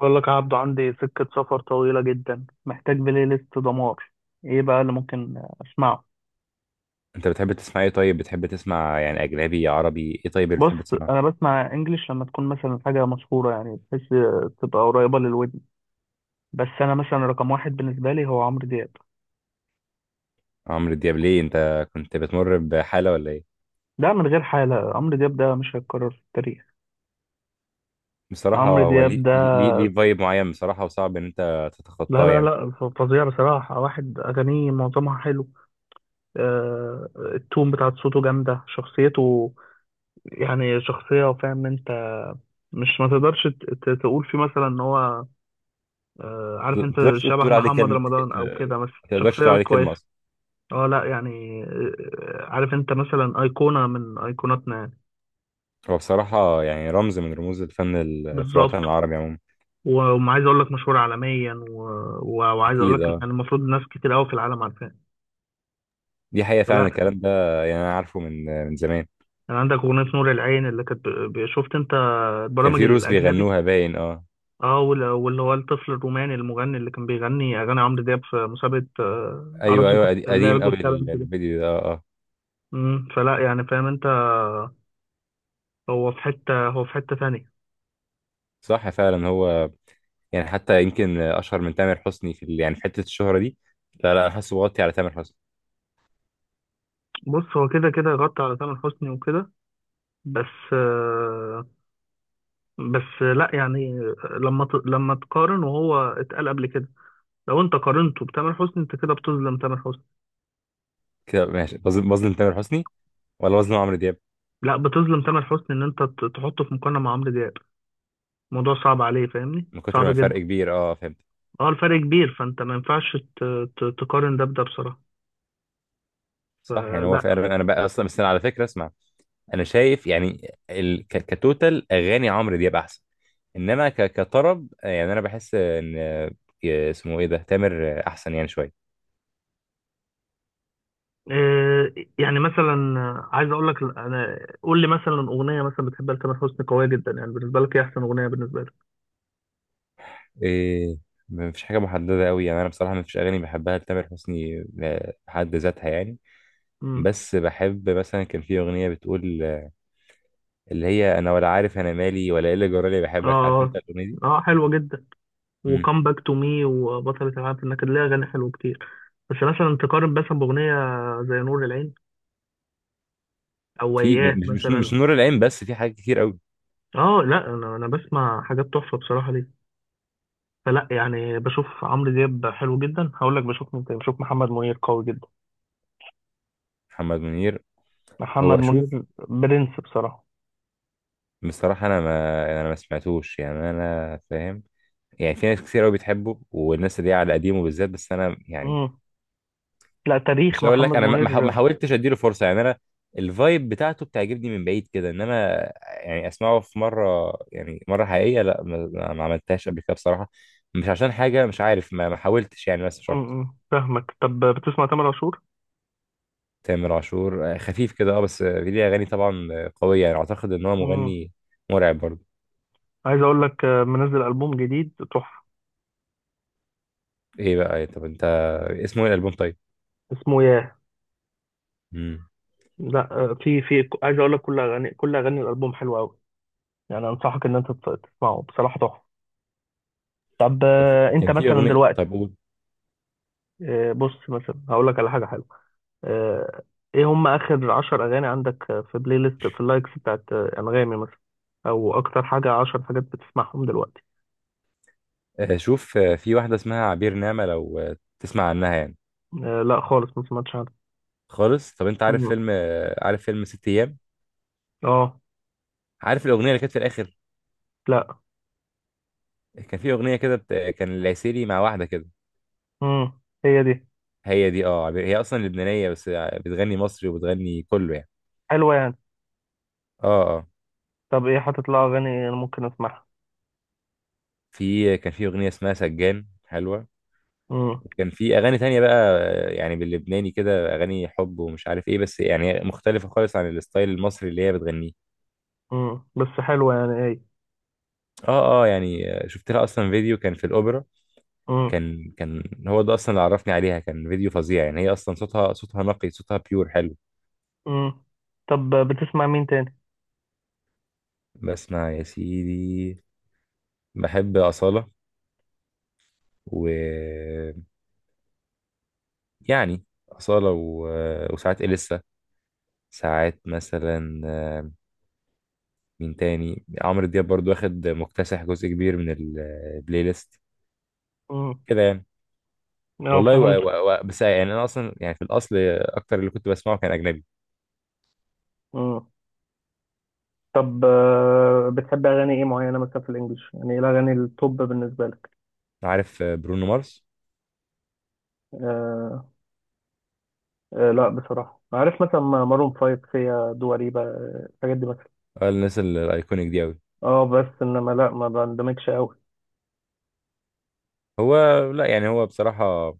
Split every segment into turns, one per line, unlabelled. بقول لك عبده، عندي سكة سفر طويلة جدا، محتاج بلاي ليست دمار. ايه بقى اللي ممكن اسمعه؟
انت بتحب تسمع ايه؟ طيب، بتحب تسمع يعني اجنبي، عربي، ايه؟ طيب اللي
بص،
بتحب تسمعه؟
انا بسمع انجليش لما تكون مثلا حاجة مشهورة، يعني بحيث تبقى قريبة للودن. بس انا مثلا رقم واحد بالنسبة لي هو عمرو دياب.
عمرو دياب ليه؟ انت كنت بتمر بحاله ولا ايه؟
ده من غير حالة، عمرو دياب ده مش هيتكرر في التاريخ.
بصراحه
عمرو
هو
دياب
ليه
ده
ليه ليه فايب معين بصراحه، وصعب ان انت
لا
تتخطاه
لا
يعني.
لا، فظيع بصراحة، واحد أغانيه معظمها حلو. آه، التون بتاعت صوته جامدة، شخصيته يعني شخصية، فاهم انت؟ مش ما تقدرش تقول فيه مثلا ان هو عارف
ما
انت،
تقدرش تقول
شبه
تقول عليه
محمد
كلمه.
رمضان او كده، بس
ما تقدرش تقول
شخصية
عليه
كويسة.
كلمه اصلا.
اه لا يعني، عارف انت، مثلا ايقونة من ايقوناتنا يعني.
هو بصراحه يعني رمز من رموز الفن في الوطن
بالظبط.
العربي عموما.
وعايز اقول لك مشهور عالميا و... وعايز اقول
اكيد
لك
اه،
يعني المفروض ناس كتير قوي في العالم عارفاه.
دي حقيقه فعلا
فلا
الكلام ده. يعني انا عارفه من زمان.
يعني، عندك اغنية نور العين اللي كانت شفت انت
كان
البرامج
في روس
الاجنبي؟
بيغنوها باين اه.
اه، واللي هو الطفل الروماني المغني اللي كان بيغني اغاني عمرو دياب في مسابقة عرب،
ايوه ايوه،
اللي هي
قديم قوي،
الجوت تالنت دي.
الفيديو ده. اه اه،
فلا يعني، فاهم انت؟ هو في حتة ثانية.
صح فعلا هو، يعني حتى يمكن اشهر من تامر حسني في يعني في حته الشهره دي. لا لا، انا حاسه بغطي على تامر حسني.
بص، هو كده كده غطى على تامر حسني وكده، بس بس لا يعني، لما تقارن، وهو اتقال قبل كده، لو انت قارنته بتامر حسني انت كده بتظلم تامر حسني.
كده ماشي، بظلم تامر حسني ولا بظلم عمرو دياب؟
لا، بتظلم تامر حسني ان انت تحطه في مقارنة مع عمرو دياب. الموضوع صعب عليه، فاهمني؟
من كتر ما
صعب
الفرق
جدا.
كبير اه، فهمت.
اه، الفرق كبير، فانت ما ينفعش تقارن ده بده بصراحة.
صح، يعني هو
فلا.
فعلا. انا بقى اصلا، بس انا على فكره اسمع، انا شايف يعني كتوتال اغاني عمرو دياب احسن. انما كطرب يعني انا بحس ان اسمه ايه ده، تامر احسن يعني شويه.
آه، يعني مثلا، عايز اقول لك، انا قول لي مثلا اغنية مثلا بتحبها لتامر حسني قوية جدا يعني بالنسبة لك، ايه احسن اغنية بالنسبة
إيه، مفيش حاجه محدده قوي، يعني انا بصراحه مفيش اغاني بحبها لتامر حسني بحد ذاتها يعني.
لك؟
بس بحب مثلا، كان في اغنيه بتقول اللي هي انا ولا عارف انا مالي ولا ايه اللي جرالي بحبك، عارف انت
اه،
الاغنيه دي؟
اه، حلوة جدا.
امم.
وكم باك تو مي، وبطلة العالم في النكد، ليها أغاني حلوة كتير. بس مثلا تقارن مثلا بأغنية زي نور العين أو
في م-
وياه
مش مش
مثلا.
مش نور العين، بس في حاجات كتير قوي.
اه لا، أنا بسمع حاجات تحفة بصراحة ليه. فلا يعني، بشوف عمرو دياب حلو جدا، هقول لك بشوف مين تاني، بشوف محمد منير قوي جدا.
محمد منير.
محمد
هو شوف،
منير برنس بصراحة.
بصراحه انا ما سمعتوش، يعني انا فاهم. يعني في ناس كتير قوي بتحبه، والناس اللي هي على قديمه بالذات، بس انا يعني
امم. لا، تاريخ
مش هقول لك
محمد
انا ما
منير.
حاولتش اديله فرصه، يعني انا الفايب بتاعته بتعجبني من بعيد كده، انما يعني اسمعه في مره، يعني مره حقيقيه، لا، ما عملتهاش قبل كده بصراحه. مش عشان حاجه، مش عارف، ما حاولتش يعني، بس مش اكتر.
امم، فاهمك. طب بتسمع تامر عاشور؟
تامر عاشور خفيف كده اه، بس ليه اغاني طبعا قويه، يعني اعتقد ان هو
امم.
مغني مرعب برضه.
عايز أقول لك، منزل ألبوم جديد تحفة.
ايه بقى إيه، طب انت، اسمه ايه الالبوم طيب؟
اسمه ياه.
مم.
لا في عايز اقول لك، كل اغاني الالبوم حلوه قوي، يعني انصحك ان انت تسمعه، بصراحه تحفه. طب
كان في
انت
كان في
مثلا
اغنيه،
دلوقتي،
طيب قول.
بص، مثلا هقول لك على حاجه حلوه. آه، ايه هم اخر 10 اغاني عندك في بلاي ليست، في اللايكس بتاعت انغامي مثلا، او اكتر حاجه 10 حاجات بتسمعهم دلوقتي؟
شوف، في واحده اسمها عبير نعمه لو تسمع عنها يعني.
لا خالص، ما سمعتش عنها.
خالص. طب انت عارف
مم.
فيلم، عارف فيلم ست ايام؟
اه.
عارف الاغنيه اللي كانت في الاخر؟
لا.
كان في اغنيه كده بت... كان العسيلي مع واحده كده.
مم. هي دي.
هي دي اه، هي اصلا لبنانيه، بس بتغني مصري وبتغني كله يعني.
حلوه يعني؟
اه اه.
طب ايه حاطط لها اغاني انا ممكن اسمعها؟
في كان في اغنيه اسمها سجان حلوه،
مم.
وكان في اغاني تانية بقى، يعني باللبناني كده، اغاني حب ومش عارف ايه، بس يعني مختلفه خالص عن الستايل المصري اللي هي بتغنيه.
مم. بس حلوه يعني، ايه؟
اه اه، يعني شفت لها اصلا فيديو كان في الاوبرا. كان هو ده اصلا اللي عرفني عليها، كان فيديو فظيع يعني. هي اصلا صوتها، صوتها نقي، صوتها بيور حلو.
مم. طب بتسمع مين تاني؟
بسمع يا سيدي، بحب أصالة، و يعني أصالة وساعات إليسا، ساعات مثلا مين تاني، عمرو دياب برضو واخد مكتسح جزء كبير من البلاي ليست
مم.
كده يعني.
اه،
والله
فهمت.
بس يعني أنا أصلا، يعني في الأصل أكتر اللي كنت بسمعه كان أجنبي.
مم. طب بتحب اغاني ايه معينه مثلا في الانجليش، يعني ايه الاغاني التوب بالنسبه لك؟
عارف برونو مارس؟
آه. آه لا بصراحه، عارف مثلا مارون فايف، فيا دواريبا، الحاجات دي مثلا.
الناس الأيكونيك دي أوي.
اه بس انما لا، ما بندمجش قوي.
هو، لا يعني هو بصراحة،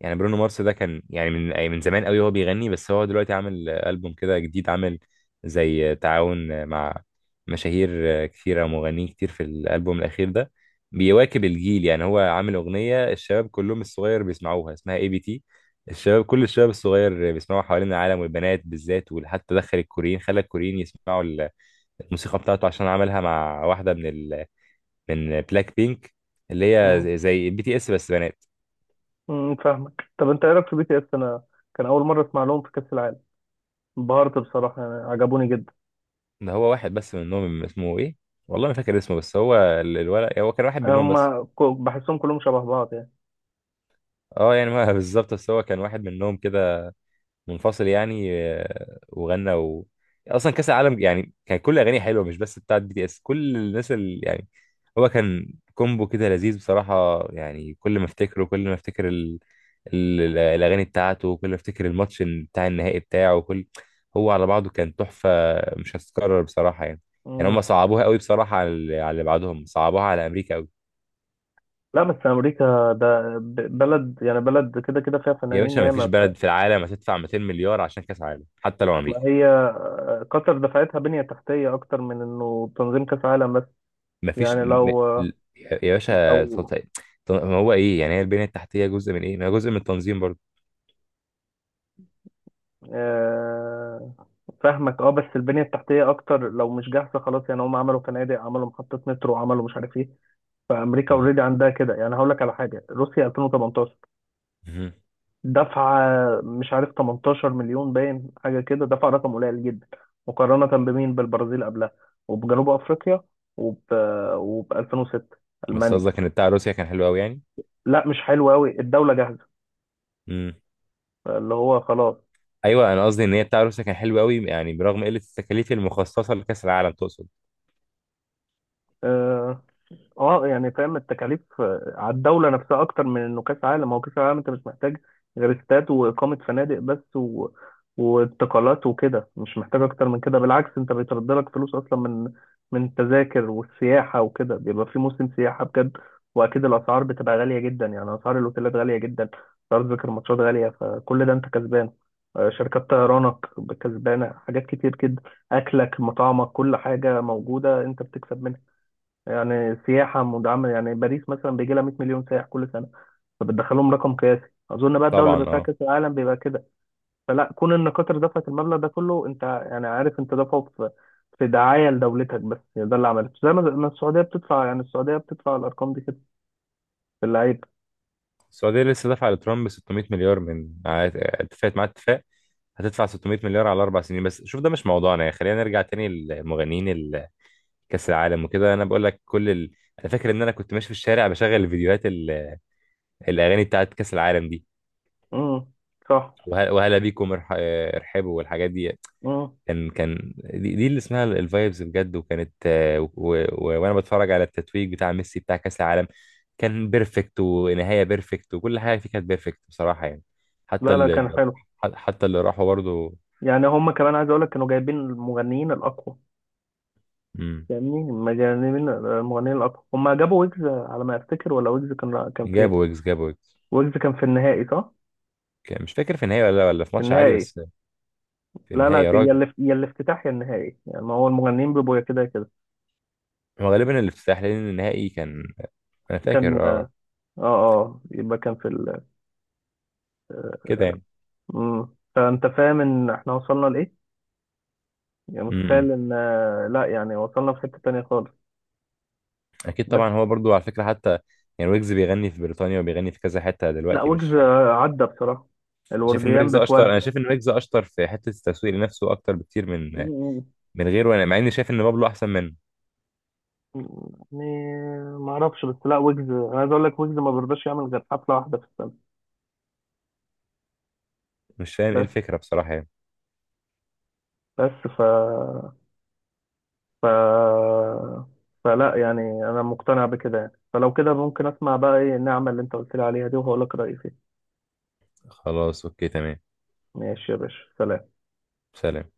يعني برونو مارس ده كان يعني من زمان قوي هو بيغني، بس هو دلوقتي عامل ألبوم كده جديد، عامل زي تعاون مع مشاهير كتيرة ومغنيين كتير في الألبوم الأخير ده. بيواكب الجيل، يعني هو عامل أغنية الشباب كلهم الصغير بيسمعوها، اسمها اي بي تي. الشباب، كل الشباب الصغير بيسمعوها حوالين العالم، والبنات بالذات، وحتى دخل الكوريين، خلى الكوريين يسمعوا الموسيقى بتاعته، عشان عملها مع واحدة من من بلاك بينك، اللي
مم.
هي زي بي تي اس بس بنات.
مم، فاهمك. طب انت ايه رايك في بي تي اس؟ انا كان اول مره اسمع لهم في كاس العالم، انبهرت بصراحه، يعني عجبوني جدا.
ده هو واحد بس منهم، اسمه ايه؟ والله ما فاكر اسمه، بس هو الولد، هو كان واحد منهم
هم
بس.
بحسهم كلهم شبه بعض يعني.
اه يعني ما بالظبط، بس هو كان واحد منهم كده منفصل يعني وغنى اصلا كاس العالم يعني، كان كل اغاني حلوه، مش بس بتاعت بي تي اس، كل الناس اللي يعني، هو كان كومبو كده لذيذ بصراحه يعني. كل ما افتكره، كل ما افتكر الاغاني بتاعته، كل ما افتكر الماتش بتاع النهائي بتاعه، كل هو على بعضه كان تحفه، مش هتتكرر بصراحه يعني. يعني
مم.
هم صعبوها قوي بصراحه على على اللي بعدهم، صعبوها على امريكا قوي.
لا بس امريكا ده بلد يعني، بلد كده كده فيها
يا
فنانين
باشا، ما فيش
ياما.
بلد في العالم هتدفع 200 مليار عشان كاس عالم، حتى لو
فما
امريكا.
هي قطر دفعتها بنية تحتية اكتر من انه تنظيم كاس عالم بس.
ما فيش
يعني لو
ل- يا باشا
لو
ما هو ايه يعني، هي البنيه التحتيه جزء من ايه، ما هي جزء من التنظيم برضه.
آه، فاهمك، اه، بس البنية التحتية اكتر لو مش جاهزة خلاص، يعني هم عملوا فنادق، عملوا محطة مترو، عملوا مش عارف ايه. فامريكا
مم.
اوريدي عندها كده، يعني هقول لك على حاجة، روسيا 2018
مهم.
دفعة مش عارف 18 مليون باين، حاجة كده، دفع رقم قليل جدا مقارنة بمين؟ بالبرازيل قبلها، وبجنوب أفريقيا، وب وب 2006
بس
ألمانيا.
قصدك ان بتاع روسيا كان حلو قوي يعني؟
لا مش حلو أوي، الدولة جاهزة
مم.
اللي هو خلاص.
ايوه، انا قصدي ان هي بتاع روسيا كان حلو قوي يعني، برغم قله التكاليف المخصصه لكاس العالم تقصد.
آه، اه يعني، فاهم؟ التكاليف على الدولة نفسها أكتر من إنه كأس عالم. هو كأس عالم، أنت مش محتاج غير استاد وإقامة فنادق بس و... وانتقالات وكده، مش محتاج أكتر من كده. بالعكس أنت بيترد لك فلوس أصلا من من التذاكر والسياحة وكده، بيبقى في موسم سياحة بجد، وأكيد الأسعار بتبقى غالية جدا، يعني أسعار الأوتيلات غالية جدا، أسعار تذاكر الماتشات غالية، فكل ده أنت كسبان. شركات طيرانك كسبانة، حاجات كتير كده، أكلك، مطعمك، كل حاجة موجودة أنت بتكسب منها. يعني سياحة مدعمة، يعني باريس مثلا بيجي لها 100 مليون سائح كل سنة، فبتدخلهم رقم قياسي. أظن بقى الدولة اللي
طبعا
بيبقى فيها
اه.
كأس العالم بيبقى كده. فلا كون إن قطر دفعت المبلغ ده كله، أنت يعني عارف أنت دفعه في في دعاية لدولتك، بس هي ده اللي عملته زي ما السعودية بتدفع، يعني السعودية بتدفع الأرقام دي كده في اللعيبة.
السعودية لسه دافعة لترامب 600 مليار، من اتفقت معاه اتفاق هتدفع 600 مليار على 4 سنين. بس شوف، ده مش موضوعنا، يعني خلينا نرجع تاني للمغنيين كأس العالم وكده. أنا بقول لك كل أنا فاكر إن أنا كنت ماشي في الشارع بشغل الفيديوهات الأغاني بتاعت كأس العالم دي.
امم. صح.
وهلا بيكم ارحبوا والحاجات دي.
امم.
كان دي اللي اسمها الفايبز بجد، وكانت وانا بتفرج على التتويج بتاع ميسي بتاع كاس العالم، كان بيرفكت، ونهايه بيرفكت، وكل حاجه فيه كانت بيرفكت بصراحه يعني. حتى
لا لا، كان
اللي،
حلو.
حتى اللي راحوا برضه.
يعني هم كمان، عايز أقول لك، كانوا جايبين المغنيين الأقوى،
مم،
فاهمني؟ مجانبين المغنيين الأقوى، هم جابوا ويجز على ما أفتكر، ولا ويجز كان فين؟
جابوا ويجز.
ويجز كان في النهائي صح؟
مش فاكر في النهايه ولا في
في
ماتش عادي
النهائي.
بس. في
لا
النهايه
لا،
يا
يا
راجل.
اللي يا الافتتاح يا النهائي، يعني ما هو المغنيين بيبقوا يا كده يا كده.
هو غالبا الافتتاح، لان النهائي كان، انا
كان،
فاكر
اه
اه،
اه، يبقى كان في ال آه،
كده يعني.
مم. فانت فاهم ان احنا وصلنا لايه؟ يعني
امم،
متخيل ان لا يعني، وصلنا في حتة تانية خالص.
اكيد طبعا،
بس
هو برضو على فكره حتى يعني ويجز بيغني في بريطانيا وبيغني في كذا حته
لا،
دلوقتي،
ويجز
مش
عدى بصراحة
شايف ان
الورديان
ويجز اشطر. انا
بتودي.
شايف ان ويجز اشطر في حته التسويق لنفسه اكتر بكتير من
مم.
من غيره، انا مع اني شايف ان بابلو احسن منه.
يعني ما اعرفش بس، لا ويجز انا عايز اقول لك، ويجز ما بيرضاش يعمل غير حفلة واحدة في السنة.
مش فاهم ايه
بس
الفكره بصراحه يعني.
بس ف ف... فلا يعني، انا مقتنع بكده، يعني فلو كده ممكن اسمع بقى ايه النعمة اللي انت قلت لي عليها دي، وهقول لك رأيي فيها.
خلاص اوكي تمام.
ماشي يا باشا، سلام.
سلام.